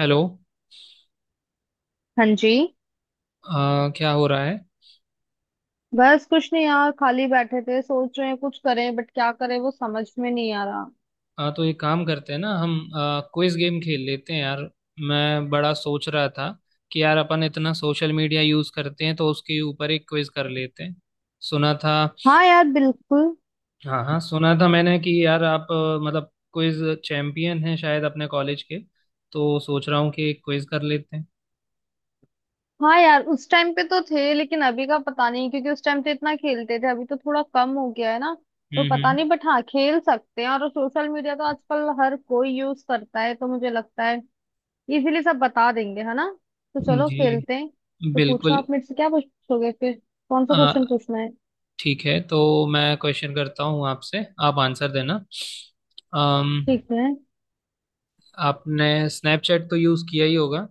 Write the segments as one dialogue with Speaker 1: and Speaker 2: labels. Speaker 1: Hello.
Speaker 2: हाँ जी।
Speaker 1: क्या हो रहा है?
Speaker 2: बस कुछ नहीं यार, खाली बैठे थे, सोच रहे हैं कुछ करें बट क्या करें वो समझ में नहीं आ रहा।
Speaker 1: तो एक काम करते हैं ना हम, क्विज गेम खेल लेते हैं यार। मैं बड़ा सोच रहा था कि यार अपन इतना सोशल मीडिया यूज़ करते हैं तो उसके ऊपर एक क्विज कर लेते हैं। सुना था,
Speaker 2: हाँ यार बिल्कुल।
Speaker 1: हाँ हाँ सुना था मैंने कि यार आप मतलब क्विज चैंपियन हैं शायद अपने कॉलेज के। तो सोच रहा हूँ कि एक क्विज कर लेते हैं।
Speaker 2: हाँ यार, उस टाइम पे तो थे लेकिन अभी का पता नहीं, क्योंकि उस टाइम तो इतना खेलते थे, अभी तो थोड़ा कम हो गया है ना। तो पता
Speaker 1: हम्म।
Speaker 2: नहीं बट हाँ, खेल सकते हैं। और सोशल मीडिया तो आजकल हर कोई यूज करता है, तो मुझे लगता है इजीली सब बता देंगे, है ना। तो चलो खेलते
Speaker 1: जी।
Speaker 2: हैं। तो पूछो,
Speaker 1: बिल्कुल।
Speaker 2: आप मेरे से क्या पूछोगे फिर, कौन सा
Speaker 1: आ,
Speaker 2: क्वेश्चन पूछना है।
Speaker 1: ठीक है तो मैं क्वेश्चन करता हूँ आपसे, आप आंसर देना। अम
Speaker 2: ठीक है।
Speaker 1: आपने स्नैपचैट तो यूज़ किया ही होगा।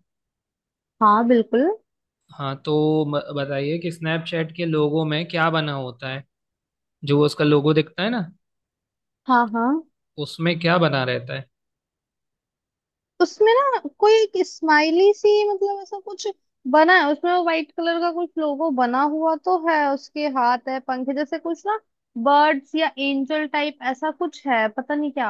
Speaker 2: हाँ बिल्कुल।
Speaker 1: हाँ तो बताइए कि स्नैपचैट के लोगो में क्या बना होता है, जो उसका लोगो दिखता है ना,
Speaker 2: हाँ हाँ।
Speaker 1: उसमें क्या बना रहता है।
Speaker 2: उसमें ना कोई एक स्माइली सी मतलब ऐसा कुछ बना है उसमें। वो व्हाइट कलर का कुछ लोगो बना हुआ तो है, उसके हाथ है, पंख है जैसे कुछ ना। बर्ड्स या एंजल टाइप ऐसा कुछ है, पता नहीं क्या।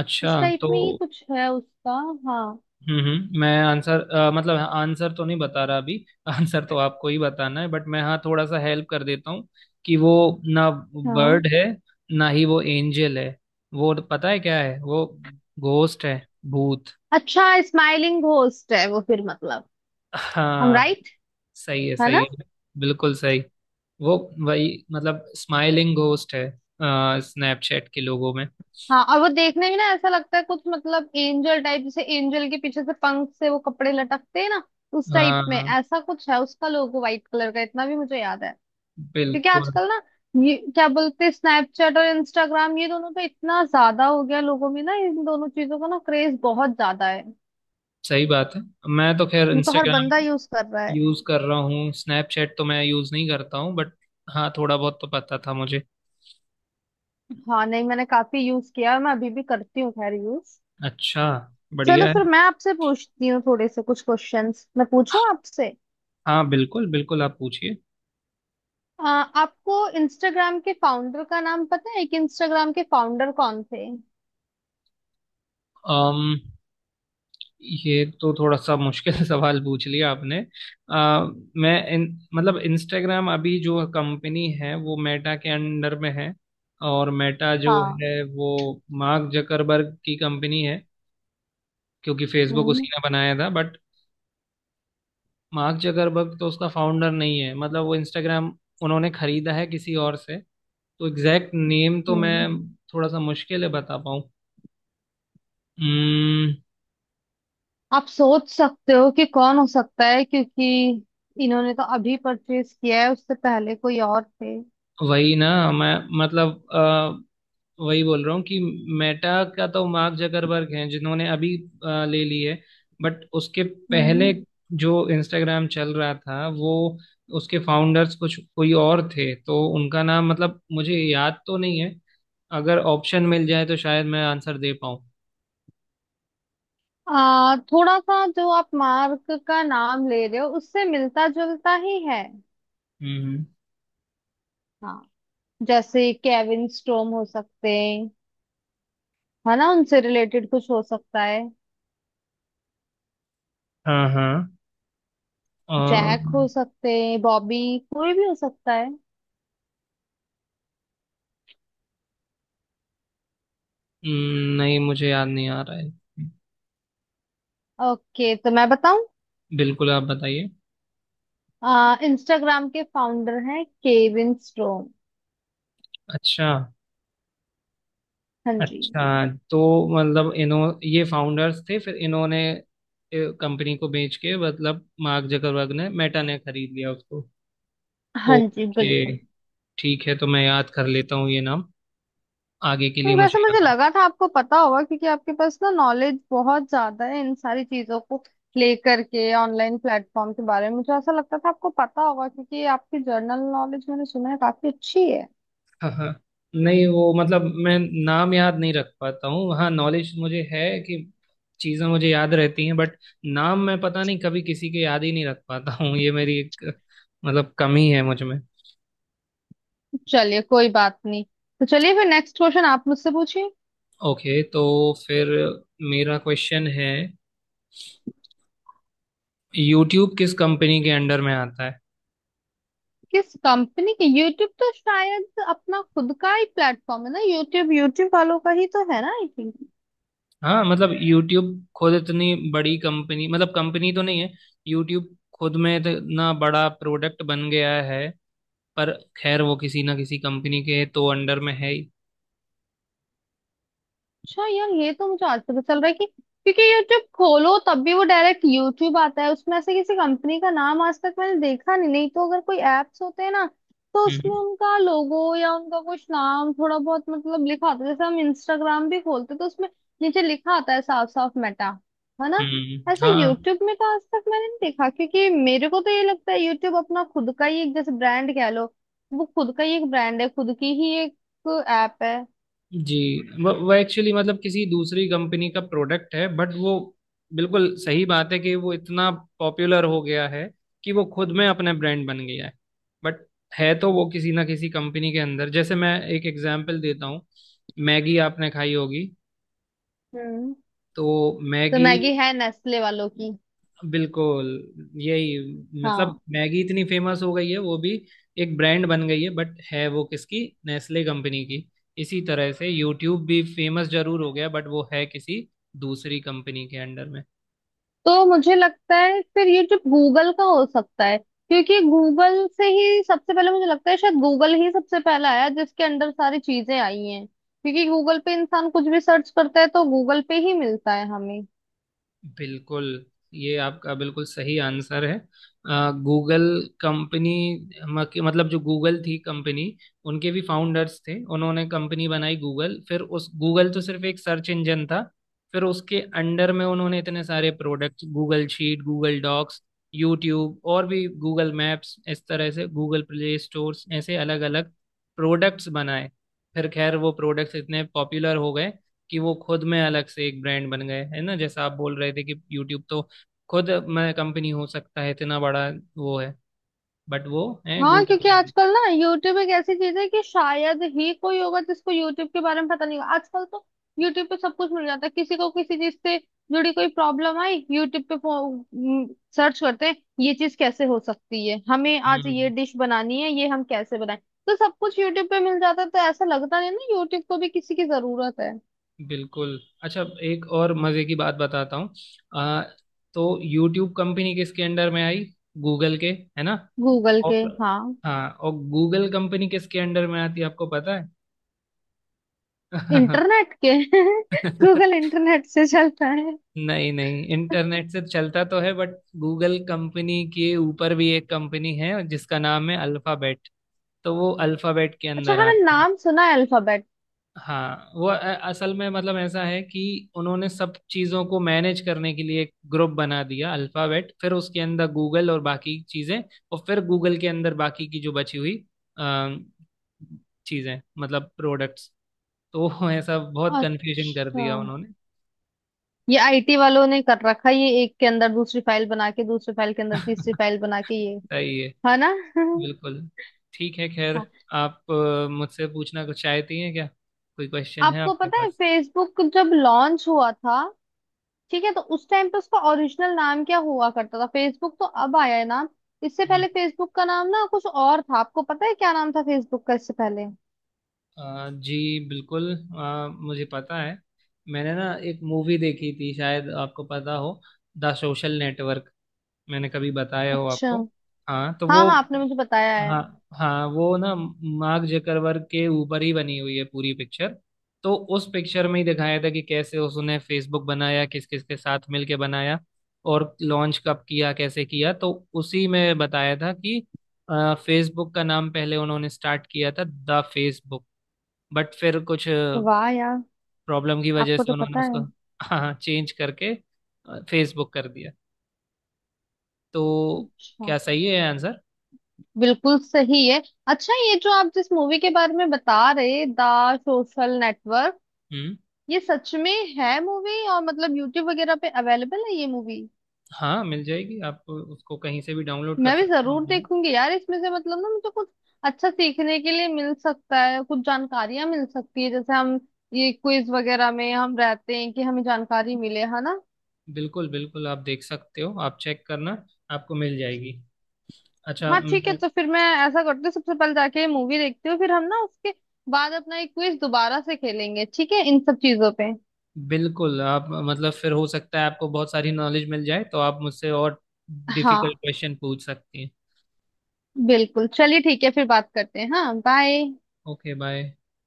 Speaker 1: अच्छा।
Speaker 2: इस टाइप
Speaker 1: तो
Speaker 2: में ही कुछ है उसका। हाँ
Speaker 1: हम्म मैं आंसर मतलब आंसर तो नहीं बता रहा अभी आंसर तो आपको ही बताना है बट मैं हाँ थोड़ा सा हेल्प कर देता हूँ कि वो ना
Speaker 2: हाँ।
Speaker 1: बर्ड है, ना ही वो एंजल है। वो पता है क्या है वो? घोस्ट है, भूत।
Speaker 2: अच्छा, स्माइलिंग घोस्ट है वो फिर मतलब। हम
Speaker 1: हाँ,
Speaker 2: राइट,
Speaker 1: सही है
Speaker 2: है
Speaker 1: सही
Speaker 2: ना।
Speaker 1: है बिल्कुल सही। वो वही मतलब स्माइलिंग घोस्ट है स्नैपचैट के लोगों में।
Speaker 2: हाँ, और वो देखने में ना ऐसा लगता है कुछ मतलब एंजल टाइप, जैसे एंजल के पीछे से पंख से वो कपड़े लटकते हैं ना, उस टाइप में
Speaker 1: हाँ,
Speaker 2: ऐसा कुछ है उसका लोगो, व्हाइट कलर का, इतना भी मुझे याद है। क्योंकि
Speaker 1: बिल्कुल।
Speaker 2: आजकल ना, ये क्या बोलते हैं, स्नैपचैट और इंस्टाग्राम ये दोनों तो इतना ज्यादा हो गया लोगों में ना, इन दोनों चीजों का ना क्रेज बहुत ज्यादा है।
Speaker 1: सही बात है। मैं तो खैर
Speaker 2: ये तो हर
Speaker 1: इंस्टाग्राम
Speaker 2: बंदा यूज कर रहा है।
Speaker 1: यूज कर रहा हूँ, स्नैपचैट तो मैं यूज नहीं करता हूँ बट हाँ थोड़ा बहुत तो पता था मुझे।
Speaker 2: हाँ नहीं, मैंने काफी यूज किया है, मैं अभी भी करती हूँ खैर यूज।
Speaker 1: अच्छा,
Speaker 2: चलो
Speaker 1: बढ़िया
Speaker 2: फिर
Speaker 1: है।
Speaker 2: मैं आपसे पूछती हूँ थोड़े से कुछ क्वेश्चंस, मैं पूछूं आपसे।
Speaker 1: हाँ बिल्कुल बिल्कुल आप पूछिए।
Speaker 2: आ, आपको इंस्टाग्राम के फाउंडर का नाम पता है, कि इंस्टाग्राम के फाउंडर कौन थे।
Speaker 1: अम ये तो थोड़ा सा मुश्किल सवाल पूछ लिया आपने। आ, मैं इन मतलब इंस्टाग्राम अभी जो कंपनी है वो मेटा के अंडर में है, और मेटा जो
Speaker 2: हाँ।
Speaker 1: है वो मार्क जकरबर्ग की कंपनी है क्योंकि फेसबुक
Speaker 2: हम्म
Speaker 1: उसी ने बनाया था। बट मार्क जकरबर्ग तो उसका फाउंडर नहीं है, मतलब वो इंस्टाग्राम उन्होंने खरीदा है किसी और से। तो एग्जैक्ट नेम तो
Speaker 2: हम्म
Speaker 1: मैं, थोड़ा सा मुश्किल है बता पाऊँ। हम्म,
Speaker 2: आप सोच सकते हो कि कौन हो सकता है, क्योंकि इन्होंने तो अभी परचेज किया है, उससे पहले कोई और थे।
Speaker 1: वही ना, मैं मतलब वही बोल रहा हूँ कि मेटा का तो मार्क जकरबर्ग हैं जिन्होंने अभी ले ली है। बट उसके पहले
Speaker 2: हम्म।
Speaker 1: जो इंस्टाग्राम चल रहा था वो, उसके फाउंडर्स कुछ कोई और थे तो उनका नाम मतलब मुझे याद तो नहीं है। अगर ऑप्शन मिल जाए तो शायद मैं आंसर दे पाऊँ।
Speaker 2: थोड़ा सा जो आप मार्क का नाम ले रहे हो, उससे मिलता जुलता ही है।
Speaker 1: हम्म।
Speaker 2: हाँ, जैसे केविन स्टोम हो सकते हैं, है ना, उनसे रिलेटेड कुछ हो सकता है।
Speaker 1: हाँ हाँ अ,
Speaker 2: जैक हो सकते हैं, बॉबी, कोई भी हो सकता है।
Speaker 1: नहीं मुझे याद नहीं आ रहा है।
Speaker 2: ओके, तो मैं बताऊं।
Speaker 1: बिल्कुल, आप बताइए।
Speaker 2: इंस्टाग्राम के फाउंडर हैं केविन स्टोम।
Speaker 1: अच्छा।
Speaker 2: हाँ जी।
Speaker 1: अच्छा तो मतलब इन्हों ये फाउंडर्स थे, फिर इन्होंने कंपनी को बेच के मतलब मार्क जकरबर्ग ने, मेटा ने खरीद लिया उसको।
Speaker 2: हाँ जी
Speaker 1: ओके,
Speaker 2: बिल्कुल।
Speaker 1: ठीक है तो मैं याद कर लेता हूँ ये नाम, आगे के लिए मुझे
Speaker 2: वैसे मुझे
Speaker 1: याद है।
Speaker 2: लगा था आपको पता होगा, क्योंकि आपके पास ना नॉलेज बहुत ज्यादा है इन सारी चीजों को लेकर के, ऑनलाइन प्लेटफॉर्म के बारे में मुझे ऐसा लगता था आपको पता होगा, क्योंकि आपकी जर्नल नॉलेज मैंने सुना है काफी अच्छी है।
Speaker 1: हाँ हाँ नहीं वो मतलब मैं नाम याद नहीं रख पाता हूँ, हाँ नॉलेज मुझे है कि चीज़ें मुझे याद रहती हैं बट नाम मैं पता नहीं कभी किसी के याद ही नहीं रख पाता हूँ, ये मेरी एक मतलब कमी है मुझ में।
Speaker 2: चलिए कोई बात नहीं। तो चलिए फिर नेक्स्ट क्वेश्चन आप मुझसे पूछिए।
Speaker 1: ओके तो फिर मेरा क्वेश्चन है, यूट्यूब किस कंपनी के अंडर में आता है?
Speaker 2: किस कंपनी के, यूट्यूब तो शायद अपना खुद का ही प्लेटफॉर्म है ना। यूट्यूब यूट्यूब वालों का ही तो है ना आई थिंक।
Speaker 1: हाँ मतलब यूट्यूब खुद इतनी बड़ी कंपनी, मतलब कंपनी तो नहीं है, यूट्यूब खुद में इतना बड़ा प्रोडक्ट बन गया है, पर खैर वो किसी ना किसी कंपनी के तो अंडर में है ही।
Speaker 2: अच्छा यार, ये तो मुझे आज पता चल रहा है कि, क्योंकि यूट्यूब खोलो तब भी वो डायरेक्ट यूट्यूब आता है उसमें, ऐसे किसी कंपनी का नाम आज तक मैंने देखा नहीं, नहीं तो अगर कोई एप्स होते हैं ना, तो
Speaker 1: हम्म।
Speaker 2: उसमें उनका लोगो या उनका कुछ नाम थोड़ा बहुत मतलब लिखा होता है। जैसे हम इंस्टाग्राम भी खोलते हैं, तो उसमें नीचे लिखा आता है साफ साफ मेटा, है ना।
Speaker 1: हम्म।
Speaker 2: ऐसा
Speaker 1: हाँ
Speaker 2: यूट्यूब में तो आज तक मैंने नहीं देखा, क्योंकि मेरे को तो ये लगता है यूट्यूब अपना खुद का ही एक जैसे ब्रांड कह लो। वो खुद का ही एक ब्रांड है, खुद की ही एक ऐप है।
Speaker 1: जी। वो एक्चुअली मतलब किसी दूसरी कंपनी का प्रोडक्ट है बट वो, बिल्कुल सही बात है कि वो इतना पॉपुलर हो गया है कि वो खुद में अपने ब्रांड बन गया है, बट है तो वो किसी ना किसी कंपनी के अंदर। जैसे मैं एक एग्जांपल देता हूँ, मैगी आपने खाई होगी,
Speaker 2: हम्म।
Speaker 1: तो
Speaker 2: तो
Speaker 1: मैगी,
Speaker 2: मैगी है नेस्ले वालों की।
Speaker 1: बिल्कुल यही, मतलब
Speaker 2: हाँ,
Speaker 1: मैगी इतनी फेमस हो गई है वो भी एक ब्रांड बन गई है बट है वो किसकी, नेस्ले कंपनी की। इसी तरह से यूट्यूब भी फेमस जरूर हो गया बट वो है किसी दूसरी कंपनी के अंडर में।
Speaker 2: तो मुझे लगता है फिर ये जो गूगल का हो सकता है, क्योंकि गूगल से ही सबसे पहले, मुझे लगता है शायद गूगल ही सबसे पहला आया जिसके अंदर सारी चीजें आई हैं, क्योंकि गूगल पे इंसान कुछ भी सर्च करता है तो गूगल पे ही मिलता है हमें।
Speaker 1: बिल्कुल, ये आपका बिल्कुल सही आंसर है। गूगल कंपनी, मतलब जो गूगल थी कंपनी, उनके भी फाउंडर्स थे, उन्होंने कंपनी बनाई गूगल, फिर उस गूगल, तो सिर्फ एक सर्च इंजन था। फिर उसके अंडर में उन्होंने इतने सारे product, Google sheet, Google docs, YouTube और भी गूगल मैप्स, इस तरह से गूगल प्ले स्टोर्स, ऐसे अलग अलग प्रोडक्ट्स बनाए। फिर खैर वो प्रोडक्ट्स इतने पॉपुलर हो गए कि वो खुद में अलग से एक ब्रांड बन गए, है ना, जैसा आप बोल रहे थे कि यूट्यूब तो खुद मैं कंपनी हो सकता है इतना बड़ा वो है, बट वो है
Speaker 2: हाँ,
Speaker 1: गूगल
Speaker 2: क्योंकि
Speaker 1: के अंदर।
Speaker 2: आजकल ना यूट्यूब एक ऐसी चीज है कि शायद ही कोई होगा जिसको यूट्यूब के बारे में पता नहीं होगा। आजकल तो यूट्यूब पे सब कुछ मिल जाता है, किसी को किसी चीज से जुड़ी कोई प्रॉब्लम आई, यूट्यूब पे सर्च करते हैं ये चीज कैसे हो सकती है, हमें आज ये
Speaker 1: हम्म,
Speaker 2: डिश बनानी है ये हम कैसे बनाएं। तो सब कुछ यूट्यूब पे मिल जाता है, तो ऐसा लगता नहीं ना यूट्यूब को भी किसी की जरूरत है।
Speaker 1: बिल्कुल। अच्छा एक और मजे की बात बताता हूँ, आ, तो यूट्यूब कंपनी किसके अंडर में आई? गूगल के, है ना।
Speaker 2: गूगल के,
Speaker 1: और,
Speaker 2: हाँ।
Speaker 1: हाँ, और गूगल कंपनी किसके अंडर में आती है आपको पता है?
Speaker 2: इंटरनेट के गूगल इंटरनेट से चलता है।
Speaker 1: नहीं नहीं, इंटरनेट से चलता तो है बट गूगल कंपनी के ऊपर भी एक कंपनी है जिसका नाम है अल्फाबेट। तो वो अल्फाबेट के
Speaker 2: अच्छा
Speaker 1: अंदर
Speaker 2: हाँ, मैंने
Speaker 1: आते हैं।
Speaker 2: नाम सुना है अल्फाबेट।
Speaker 1: हाँ वो असल में मतलब ऐसा है कि उन्होंने सब चीज़ों को मैनेज करने के लिए एक ग्रुप बना दिया अल्फाबेट, फिर उसके अंदर गूगल और बाकी चीज़ें, और फिर गूगल के अंदर बाकी की जो बची हुई अ, चीज़ें मतलब प्रोडक्ट्स। तो वो ऐसा बहुत कंफ्यूजन कर
Speaker 2: अच्छा,
Speaker 1: दिया उन्होंने।
Speaker 2: ये आईटी वालों ने कर रखा है ये, एक के अंदर दूसरी फाइल बना के, दूसरी फाइल के अंदर तीसरी फाइल बना के ये।
Speaker 1: सही है,
Speaker 2: है ना।
Speaker 1: बिल्कुल। ठीक है खैर,
Speaker 2: हाँ।
Speaker 1: आप मुझसे पूछना कुछ चाहती हैं क्या? कोई क्वेश्चन है
Speaker 2: आपको
Speaker 1: आपके
Speaker 2: पता है
Speaker 1: पास?
Speaker 2: फेसबुक जब लॉन्च हुआ था, ठीक है, तो उस टाइम पे उसका ओरिजिनल नाम क्या हुआ करता था। फेसबुक तो अब आया है नाम, इससे
Speaker 1: हम्म।
Speaker 2: पहले फेसबुक का नाम ना कुछ और था। आपको पता है क्या नाम था फेसबुक का इससे पहले।
Speaker 1: जी बिल्कुल, मुझे पता है। मैंने ना एक मूवी देखी थी, शायद आपको पता हो, द सोशल नेटवर्क, मैंने कभी बताया हो
Speaker 2: अच्छा।
Speaker 1: आपको। हाँ तो
Speaker 2: हाँ
Speaker 1: वो,
Speaker 2: हाँ आपने मुझे बताया है।
Speaker 1: हाँ हाँ वो ना मार्क जकरबर्ग के ऊपर ही बनी हुई है पूरी पिक्चर। तो उस पिक्चर में ही दिखाया था कि कैसे उसने फेसबुक बनाया, किस किस के साथ मिलके बनाया और लॉन्च कब किया कैसे किया। तो उसी में बताया था कि फेसबुक का नाम पहले उन्होंने स्टार्ट किया था द फेसबुक, बट फिर कुछ
Speaker 2: वाह यार,
Speaker 1: प्रॉब्लम की वजह
Speaker 2: आपको
Speaker 1: से
Speaker 2: तो
Speaker 1: उन्होंने
Speaker 2: पता
Speaker 1: उसको,
Speaker 2: है।
Speaker 1: हाँ, चेंज करके फेसबुक कर दिया। तो
Speaker 2: अच्छा।
Speaker 1: क्या सही है आंसर?
Speaker 2: बिल्कुल सही है। अच्छा, ये जो आप जिस मूवी के बारे में बता रहे, द सोशल नेटवर्क,
Speaker 1: हम्म।
Speaker 2: ये सच में है मूवी, और मतलब यूट्यूब वगैरह पे अवेलेबल है ये मूवी।
Speaker 1: हाँ मिल जाएगी, आप उसको कहीं से भी डाउनलोड कर
Speaker 2: मैं भी
Speaker 1: सकते हो
Speaker 2: जरूर
Speaker 1: ऑनलाइन।
Speaker 2: देखूंगी यार, इसमें से मतलब ना मुझे कुछ अच्छा सीखने के लिए मिल सकता है, कुछ जानकारियां मिल सकती है। जैसे हम ये क्विज वगैरह में हम रहते हैं कि हमें जानकारी मिले, है ना।
Speaker 1: बिल्कुल बिल्कुल आप देख सकते हो, आप चेक करना, आपको मिल जाएगी। अच्छा
Speaker 2: हाँ ठीक है, तो फिर मैं ऐसा करती हूँ, सबसे पहले जाके ये मूवी देखती हूँ, फिर हम ना उसके बाद अपना एक क्विज दोबारा से खेलेंगे, ठीक है, इन सब चीजों पे।
Speaker 1: बिल्कुल, आप मतलब फिर हो सकता है आपको बहुत सारी नॉलेज मिल जाए तो आप मुझसे और डिफिकल्ट
Speaker 2: हाँ
Speaker 1: क्वेश्चन पूछ सकती हैं।
Speaker 2: बिल्कुल, चलिए ठीक है, फिर बात करते हैं। हाँ बाय।
Speaker 1: Okay bye.